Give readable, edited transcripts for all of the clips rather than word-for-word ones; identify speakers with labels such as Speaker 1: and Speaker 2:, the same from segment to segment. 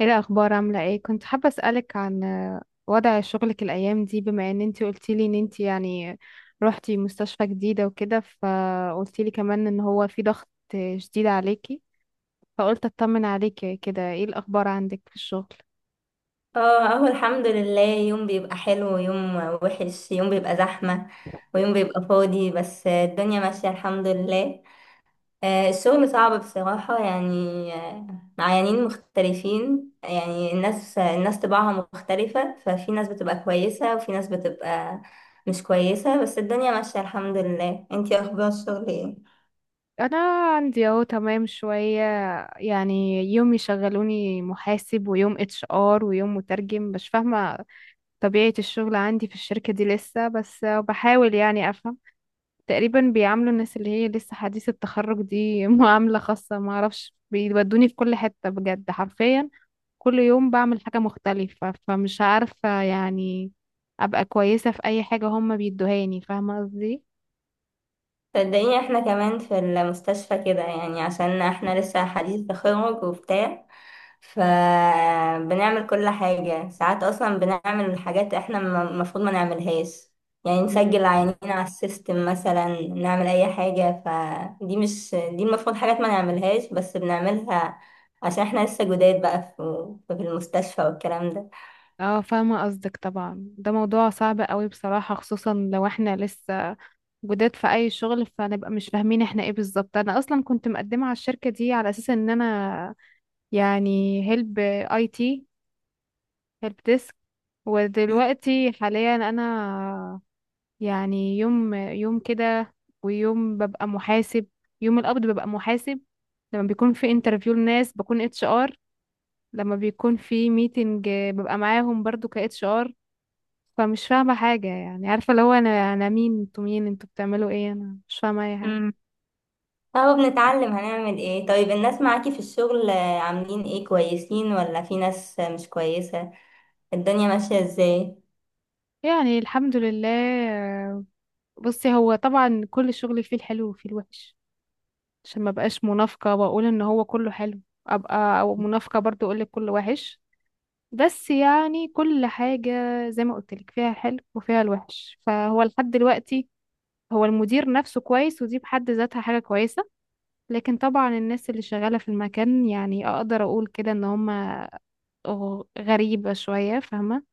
Speaker 1: ايه الاخبار؟ عامله ايه؟ كنت حابه اسالك عن وضع شغلك الايام دي، بما ان انتي قلتيلي ان انتي يعني روحتي مستشفى جديده وكده، فقلتيلي كمان ان هو في ضغط شديد عليكي. فقلت اطمن عليكي كده، ايه الاخبار عندك في الشغل؟
Speaker 2: اه، اهو الحمد لله، يوم بيبقى حلو ويوم وحش، يوم بيبقى زحمة ويوم بيبقى فاضي، بس الدنيا ماشية الحمد لله. الشغل صعب بصراحة، يعني معينين مختلفين، يعني الناس طباعها مختلفة، ففي ناس بتبقى كويسة وفي ناس بتبقى مش كويسة، بس الدنيا ماشية الحمد لله. انتي اخبار الشغل ايه؟
Speaker 1: انا عندي اهو تمام شويه. يعني يوم يشغلوني محاسب ويوم اتش ار ويوم مترجم، مش فاهمه طبيعه الشغل عندي في الشركه دي لسه، بس بحاول يعني افهم. تقريبا بيعاملوا الناس اللي هي لسه حديث التخرج دي معاملة خاصة، ما اعرفش، بيودوني في كل حتة بجد حرفيا. كل يوم بعمل حاجة مختلفة، فمش عارفة يعني ابقى كويسة في اي حاجة هما بيدوهاني، فاهمة قصدي؟
Speaker 2: صدقيني، احنا كمان في المستشفى كده يعني، عشان احنا لسه حديث تخرج وبتاع، فبنعمل كل حاجة. ساعات اصلا بنعمل حاجات احنا المفروض ما نعملهاش، يعني
Speaker 1: مم.
Speaker 2: نسجل عيانين على السيستم مثلا، نعمل اي حاجة. فدي مش دي المفروض، حاجات ما نعملهاش بس بنعملها عشان احنا لسه جداد بقى في المستشفى والكلام
Speaker 1: اه، فاهمة قصدك طبعا. ده موضوع صعب قوي بصراحة، خصوصا لو احنا لسه جداد في اي شغل، فنبقى مش فاهمين احنا ايه بالظبط. انا اصلا كنت مقدمة على الشركة دي على اساس ان انا يعني هيلب اي تي، هيلب ديسك. ودلوقتي حاليا انا يعني يوم يوم كده، ويوم ببقى محاسب، يوم القبض ببقى محاسب. لما بيكون في انترفيو لناس بكون اتش ار، لما بيكون في ميتنج ببقى معاهم برضو ك اتش ار. فمش فاهمة حاجة، يعني عارفة اللي هو انا مين؟ انتوا مين؟ انتوا بتعملوا ايه؟ انا مش فاهمة اي حاجة.
Speaker 2: ده. اهو بنتعلم هنعمل ايه. طيب الناس معاكي في الشغل عاملين ايه؟ كويسين ولا في ناس مش كويسة؟ الدنيا ماشية ازاي؟
Speaker 1: يعني الحمد لله. بصي هو طبعا كل شغل فيه الحلو وفيه الوحش، عشان ما بقاش منافقة واقول ان هو كله حلو، ابقى او منافقة برضو اقول لك كله وحش. بس يعني كل حاجة زي ما قلت لك فيها الحلو وفيها الوحش. فهو لحد دلوقتي هو المدير نفسه كويس، ودي بحد ذاتها حاجة كويسة. لكن طبعا الناس اللي شغالة في المكان يعني اقدر اقول كده ان هما غريبة شوية، فاهمة؟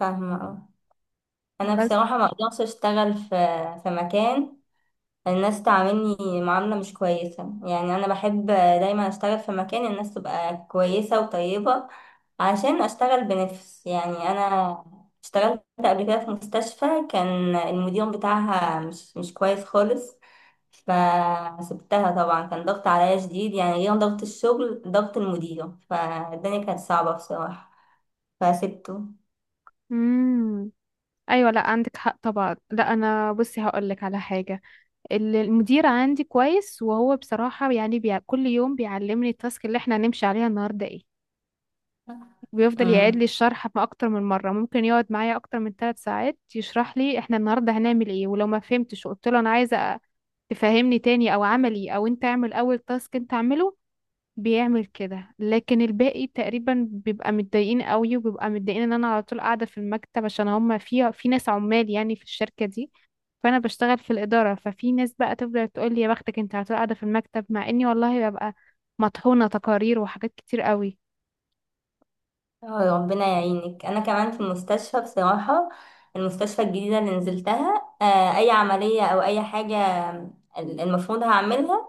Speaker 2: فاهمة، اه. انا
Speaker 1: بس،
Speaker 2: بصراحة ما اقدرش اشتغل في مكان الناس تعاملني معاملة مش كويسة. يعني أنا بحب دايما أشتغل في مكان الناس تبقى كويسة وطيبة، عشان أشتغل بنفس، يعني أنا اشتغلت قبل كده في مستشفى، كان المدير بتاعها مش كويس خالص، فسبتها طبعا. كان ضغط عليا شديد، يعني غير ضغط الشغل ضغط المدير، فالدنيا كانت صعبة بصراحة، فسبته.
Speaker 1: امم ايوه، لا عندك حق طبعا، لا انا بصي هقول لك على حاجة. المدير عندي كويس، وهو بصراحة يعني كل يوم بيعلمني التاسك اللي احنا هنمشي عليها النهاردة ايه، وبيفضل يعيد لي الشرح، ما أكتر من مرة ممكن يقعد معايا أكتر من 3 ساعات يشرح لي احنا النهاردة هنعمل ايه. ولو ما فهمتش وقلت له أنا عايزة تفهمني تاني، أو عملي، أو أنت اعمل أول تاسك أنت اعمله، بيعمل كده. لكن الباقي تقريبا بيبقى متضايقين قوي، وبيبقى متضايقين ان انا على طول قاعده في المكتب، عشان هم في ناس عمال يعني في الشركه دي. فانا بشتغل في الاداره، ففي ناس بقى تفضل تقول لي يا بختك انت على طول قاعده في المكتب، مع اني والله ببقى مطحونه تقارير وحاجات كتير قوي.
Speaker 2: اه ربنا يعينك. انا كمان في المستشفى بصراحه، المستشفى الجديده اللي نزلتها، اي عمليه او اي حاجه المفروض هعملها،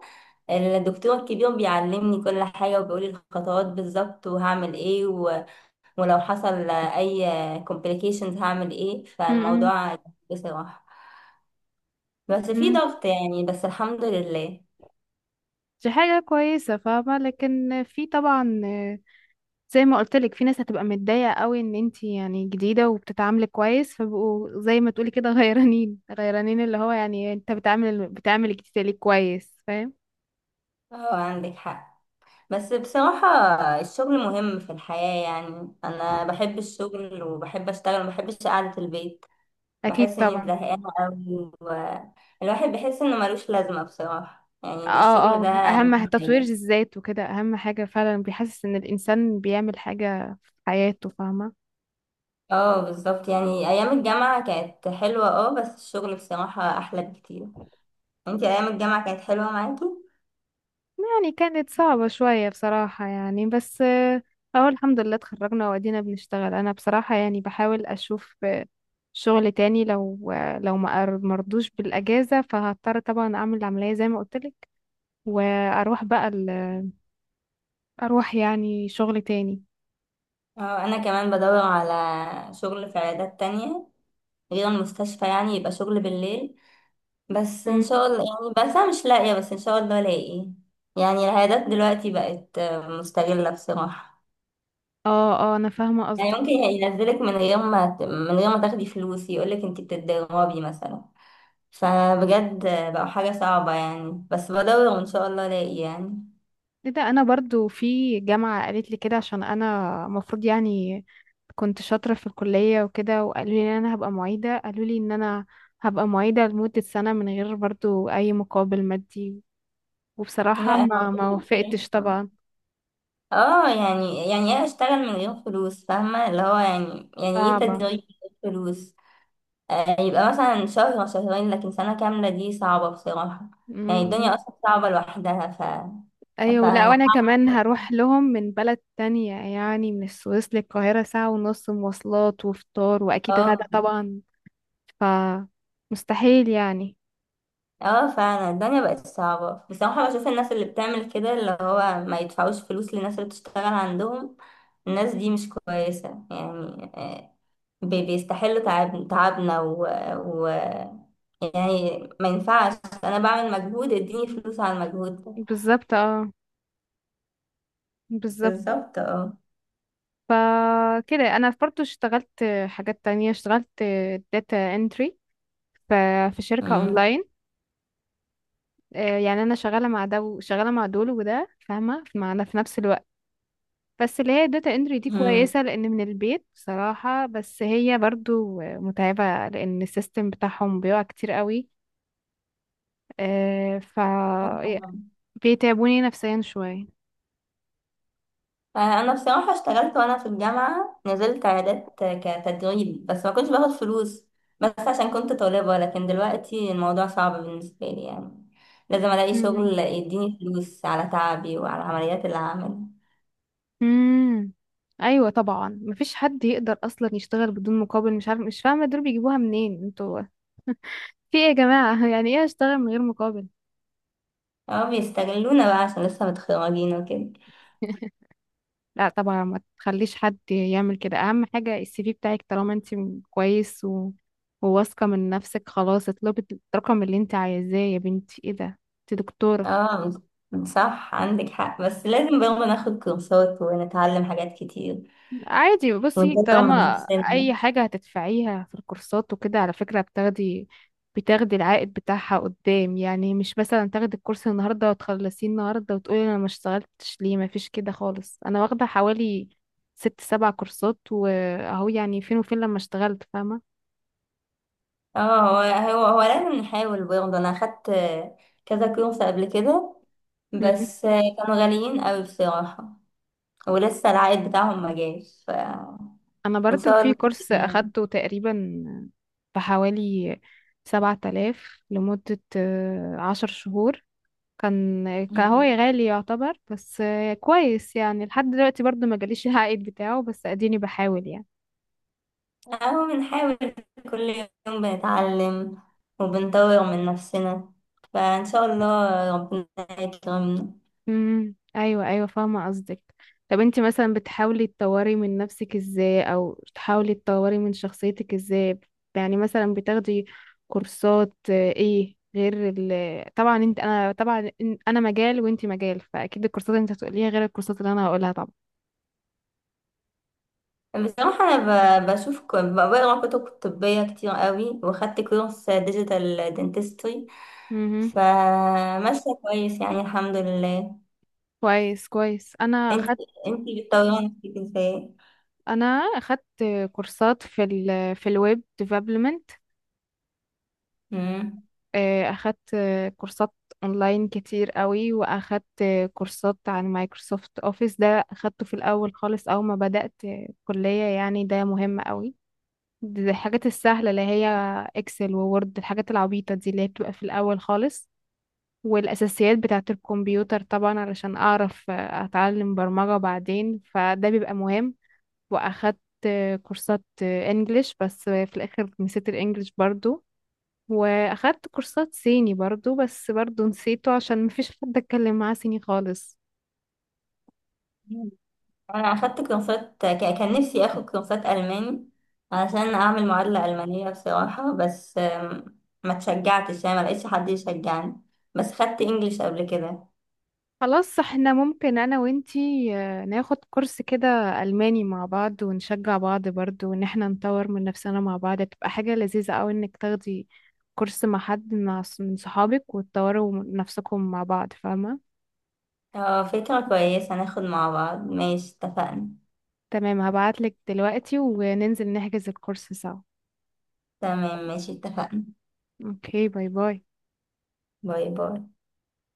Speaker 2: الدكتور الكبير بيعلمني كل حاجه وبيقولي الخطوات بالظبط وهعمل ايه، ولو حصل اي complications هعمل ايه.
Speaker 1: م- م-
Speaker 2: فالموضوع بصراحه بس في
Speaker 1: م.
Speaker 2: ضغط، يعني بس الحمد لله.
Speaker 1: دي حاجه كويسه، فاهمه؟ لكن في طبعا، زي ما قلت لك، في ناس هتبقى متضايقه قوي ان انت يعني جديده وبتتعاملي كويس، فبقوا زي ما تقولي كده غيرانين غيرانين، اللي هو يعني انت بتعامل الجديده ليه كويس، فاهم؟
Speaker 2: اه عندك حق. بس بصراحة الشغل مهم في الحياة، يعني أنا بحب الشغل وبحب أشتغل ومبحبش قعدة البيت،
Speaker 1: اكيد
Speaker 2: بحس إني
Speaker 1: طبعا.
Speaker 2: زهقانة أوي، والواحد بيحس إنه ملوش لازمة بصراحة، يعني الشغل
Speaker 1: اه،
Speaker 2: ده
Speaker 1: اه، اهم
Speaker 2: أهم
Speaker 1: تطوير
Speaker 2: حاجة.
Speaker 1: الذات وكده، اهم حاجه فعلا، بيحسس ان الانسان بيعمل حاجه في حياته، فاهمه؟
Speaker 2: اه بالظبط، يعني أيام الجامعة كانت حلوة، اه بس الشغل بصراحة أحلى بكتير. انتي أيام الجامعة كانت حلوة معاكي؟
Speaker 1: يعني كانت صعبه شويه بصراحه يعني، بس اهو الحمد لله اتخرجنا وادينا بنشتغل. انا بصراحه يعني بحاول اشوف شغل تاني، لو ما مرضوش بالاجازه، فهضطر طبعا اعمل العمليه زي ما قلتلك، واروح بقى اروح يعني شغل تاني.
Speaker 2: اه أنا كمان بدور على شغل في عيادات تانية غير المستشفى، يعني يبقى شغل بالليل، بس ان
Speaker 1: مم.
Speaker 2: شاء الله يعني. بس انا مش لاقيه، بس ان شاء الله الاقي يعني. العيادات دلوقتي بقت مستغله بصراحه،
Speaker 1: اه، اه، انا فاهمه
Speaker 2: يعني
Speaker 1: قصدك.
Speaker 2: ممكن ينزلك من غير ما من غير ما تاخدي فلوس، يقولك انت بتتدربي مثلا. فبجد بقوا حاجه صعبه يعني، بس بدور وان شاء الله الاقي يعني.
Speaker 1: ايه ده، انا برضو في جامعه قالت لي كده، عشان انا المفروض يعني كنت شاطره في الكليه وكده، وقالوا لي ان انا هبقى معيده. قالوا لي ان انا هبقى معيده لمده سنه من غير برضو اي مقابل مادي، وبصراحه
Speaker 2: لا،
Speaker 1: ما
Speaker 2: الموضوع
Speaker 1: وافقتش
Speaker 2: بصراحة.
Speaker 1: طبعا،
Speaker 2: اه، يعني ايه اشتغل من غير فلوس؟ فاهمه، اللي هو يعني ايه
Speaker 1: صعبه.
Speaker 2: تدريب من غير فلوس. يبقى مثلا شهر أو شهرين، لكن سنة كاملة دي صعبة بصراحة. يعني
Speaker 1: مم.
Speaker 2: الدنيا أصلا صعبة لوحدها. ف ف
Speaker 1: ايوه، لا وانا كمان هروح لهم من بلد تانية، يعني من السويس للقاهرة، ساعة ونص مواصلات وفطار واكيد غدا
Speaker 2: اه،
Speaker 1: طبعا، ف مستحيل يعني.
Speaker 2: اه، فعلا الدنيا بقت صعبة بصراحة. بشوف الناس اللي بتعمل كده، اللي هو ما يدفعوش فلوس للناس اللي بتشتغل عندهم، الناس دي مش كويسة، يعني بيستحلوا تعب تعبنا و... يعني ما ينفعش. أنا بعمل مجهود، اديني فلوس على المجهود ده.
Speaker 1: بالظبط اه، بالظبط.
Speaker 2: بالظبط، اه.
Speaker 1: ف كده انا برضو اشتغلت حاجات تانية، اشتغلت داتا انتري ف في شركة
Speaker 2: مم.
Speaker 1: اونلاين. يعني انا شغالة مع ده وشغالة مع دول وده، فاهمة؟ مع في نفس الوقت. بس اللي هي الداتا انتري دي
Speaker 2: مم.
Speaker 1: كويسة لأن من البيت بصراحة، بس هي برضو متعبة لأن السيستم بتاعهم بيقع كتير قوي. ف بيتعبوني نفسيا شوية.
Speaker 2: انا بصراحه اشتغلت وانا في الجامعه، نزلت عيادات كتدريب بس ما كنتش باخد فلوس، بس عشان كنت طالبه. لكن دلوقتي الموضوع صعب بالنسبه لي، يعني لازم الاقي
Speaker 1: مم.
Speaker 2: شغل يديني فلوس على تعبي وعلى العمليات اللي هعملها.
Speaker 1: مم. أيوة طبعا، مفيش حد يقدر أصلا يشتغل بدون مقابل، مش عارف، مش فاهمة، دول بيجيبوها منين؟ انتوا في ايه يا جماعة؟ يعني ايه أشتغل من غير مقابل؟
Speaker 2: اه بيستغلونا بقى عشان لسه متخرجين وكده.
Speaker 1: لا طبعا، ما تخليش حد يعمل كده. اهم حاجة السي في بتاعك، طالما انت كويس و... وواثقة من نفسك، خلاص اطلبي الرقم اللي انت عايزاه. يا بنتي ايه ده، انت دكتورة.
Speaker 2: اه صح، عندك حق، بس لازم برضه ناخد كورسات ونتعلم حاجات كتير
Speaker 1: عادي بصي،
Speaker 2: ونطور من
Speaker 1: طالما
Speaker 2: نفسنا.
Speaker 1: اي حاجة هتدفعيها في الكورسات وكده، على فكرة بتاخدي العائد بتاعها قدام، يعني مش مثلا تاخدي الكورس النهاردة وتخلصيه النهاردة وتقولي انا ما اشتغلتش ليه، ما فيش كده خالص. انا واخدة حوالي 6 7 كورسات، واهو يعني فين وفين لما اشتغلت، فاهمة؟
Speaker 2: اه، هو لازم نحاول برضه. انا اخدت كذا كورس قبل كده بس كانوا غاليين قوي بصراحة، ولسه العائد بتاعهم ما جاش فان
Speaker 1: انا برضو
Speaker 2: شاء
Speaker 1: في
Speaker 2: الله
Speaker 1: كورس
Speaker 2: يعني.
Speaker 1: اخدته تقريبا بحوالي 7000 لمدة 10 شهور. كان هو
Speaker 2: مم.
Speaker 1: غالي يعتبر، بس كويس يعني، لحد دلوقتي برضو ما جاليش العائد بتاعه، بس اديني بحاول يعني.
Speaker 2: اهو بنحاول، كل يوم بنتعلم وبنطور من نفسنا، فان شاء الله ربنا يكرمنا.
Speaker 1: ايوه، ايوه، فاهمه قصدك. طب انت مثلا بتحاولي تطوري من نفسك ازاي، او تحاولي تطوري من شخصيتك ازاي؟ يعني مثلا بتاخدي كورسات ايه، غير ال، طبعا انت انا طبعا انا مجال وانت مجال، فاكيد الكورسات اللي انت هتقوليها غير الكورسات اللي انا هقولها طبعا.
Speaker 2: بصراحة أنا بشوف بقرا كتب طبية كتير قوي، وخدت كورس ديجيتال دنتستري،
Speaker 1: امم
Speaker 2: فماشية كويس يعني الحمد لله.
Speaker 1: كويس، كويس. انا
Speaker 2: انت
Speaker 1: اخدت
Speaker 2: انت بتطوري من نفسك ازاي؟
Speaker 1: انا اخدت كورسات في الويب ديفلوبمنت،
Speaker 2: مم.
Speaker 1: اخدت كورسات اونلاين كتير قوي، واخدت كورسات عن مايكروسوفت اوفيس. ده اخدته في الاول خالص، اول ما بدأت كلية، يعني ده مهم قوي. دي الحاجات السهلة اللي هي اكسل وورد، الحاجات العبيطة دي اللي هي بتبقى في الاول خالص، والاساسيات بتاعة الكمبيوتر طبعا علشان اعرف اتعلم برمجة بعدين، فده بيبقى مهم. واخدت كورسات انجليش، بس في الاخر نسيت الانجليش برضو، واخدت كورسات صيني برضو، بس برضو نسيته عشان مفيش حد اتكلم معاه صيني خالص.
Speaker 2: انا اخدت كورسات كان نفسي اخد كورسات الماني علشان اعمل معادلة المانية بصراحة، بس ما تشجعتش، يعني ما لقيتش حد يشجعني، بس خدت انجليش قبل كده.
Speaker 1: خلاص، احنا ممكن انا وانتي ناخد كورس كده الماني مع بعض، ونشجع بعض برضو، وان احنا نطور من نفسنا مع بعض، تبقى حاجة لذيذة اوي انك تاخدي كورس مع حد، مع من صحابك، وتطوروا من نفسكم مع بعض، فاهمة؟
Speaker 2: اه فكرة كويسة، ناخد مع بعض، ماشي اتفقنا.
Speaker 1: تمام، هبعتلك دلوقتي وننزل نحجز الكورس سوا.
Speaker 2: تمام، ماشي اتفقنا.
Speaker 1: اوكي، باي باي.
Speaker 2: باي باي.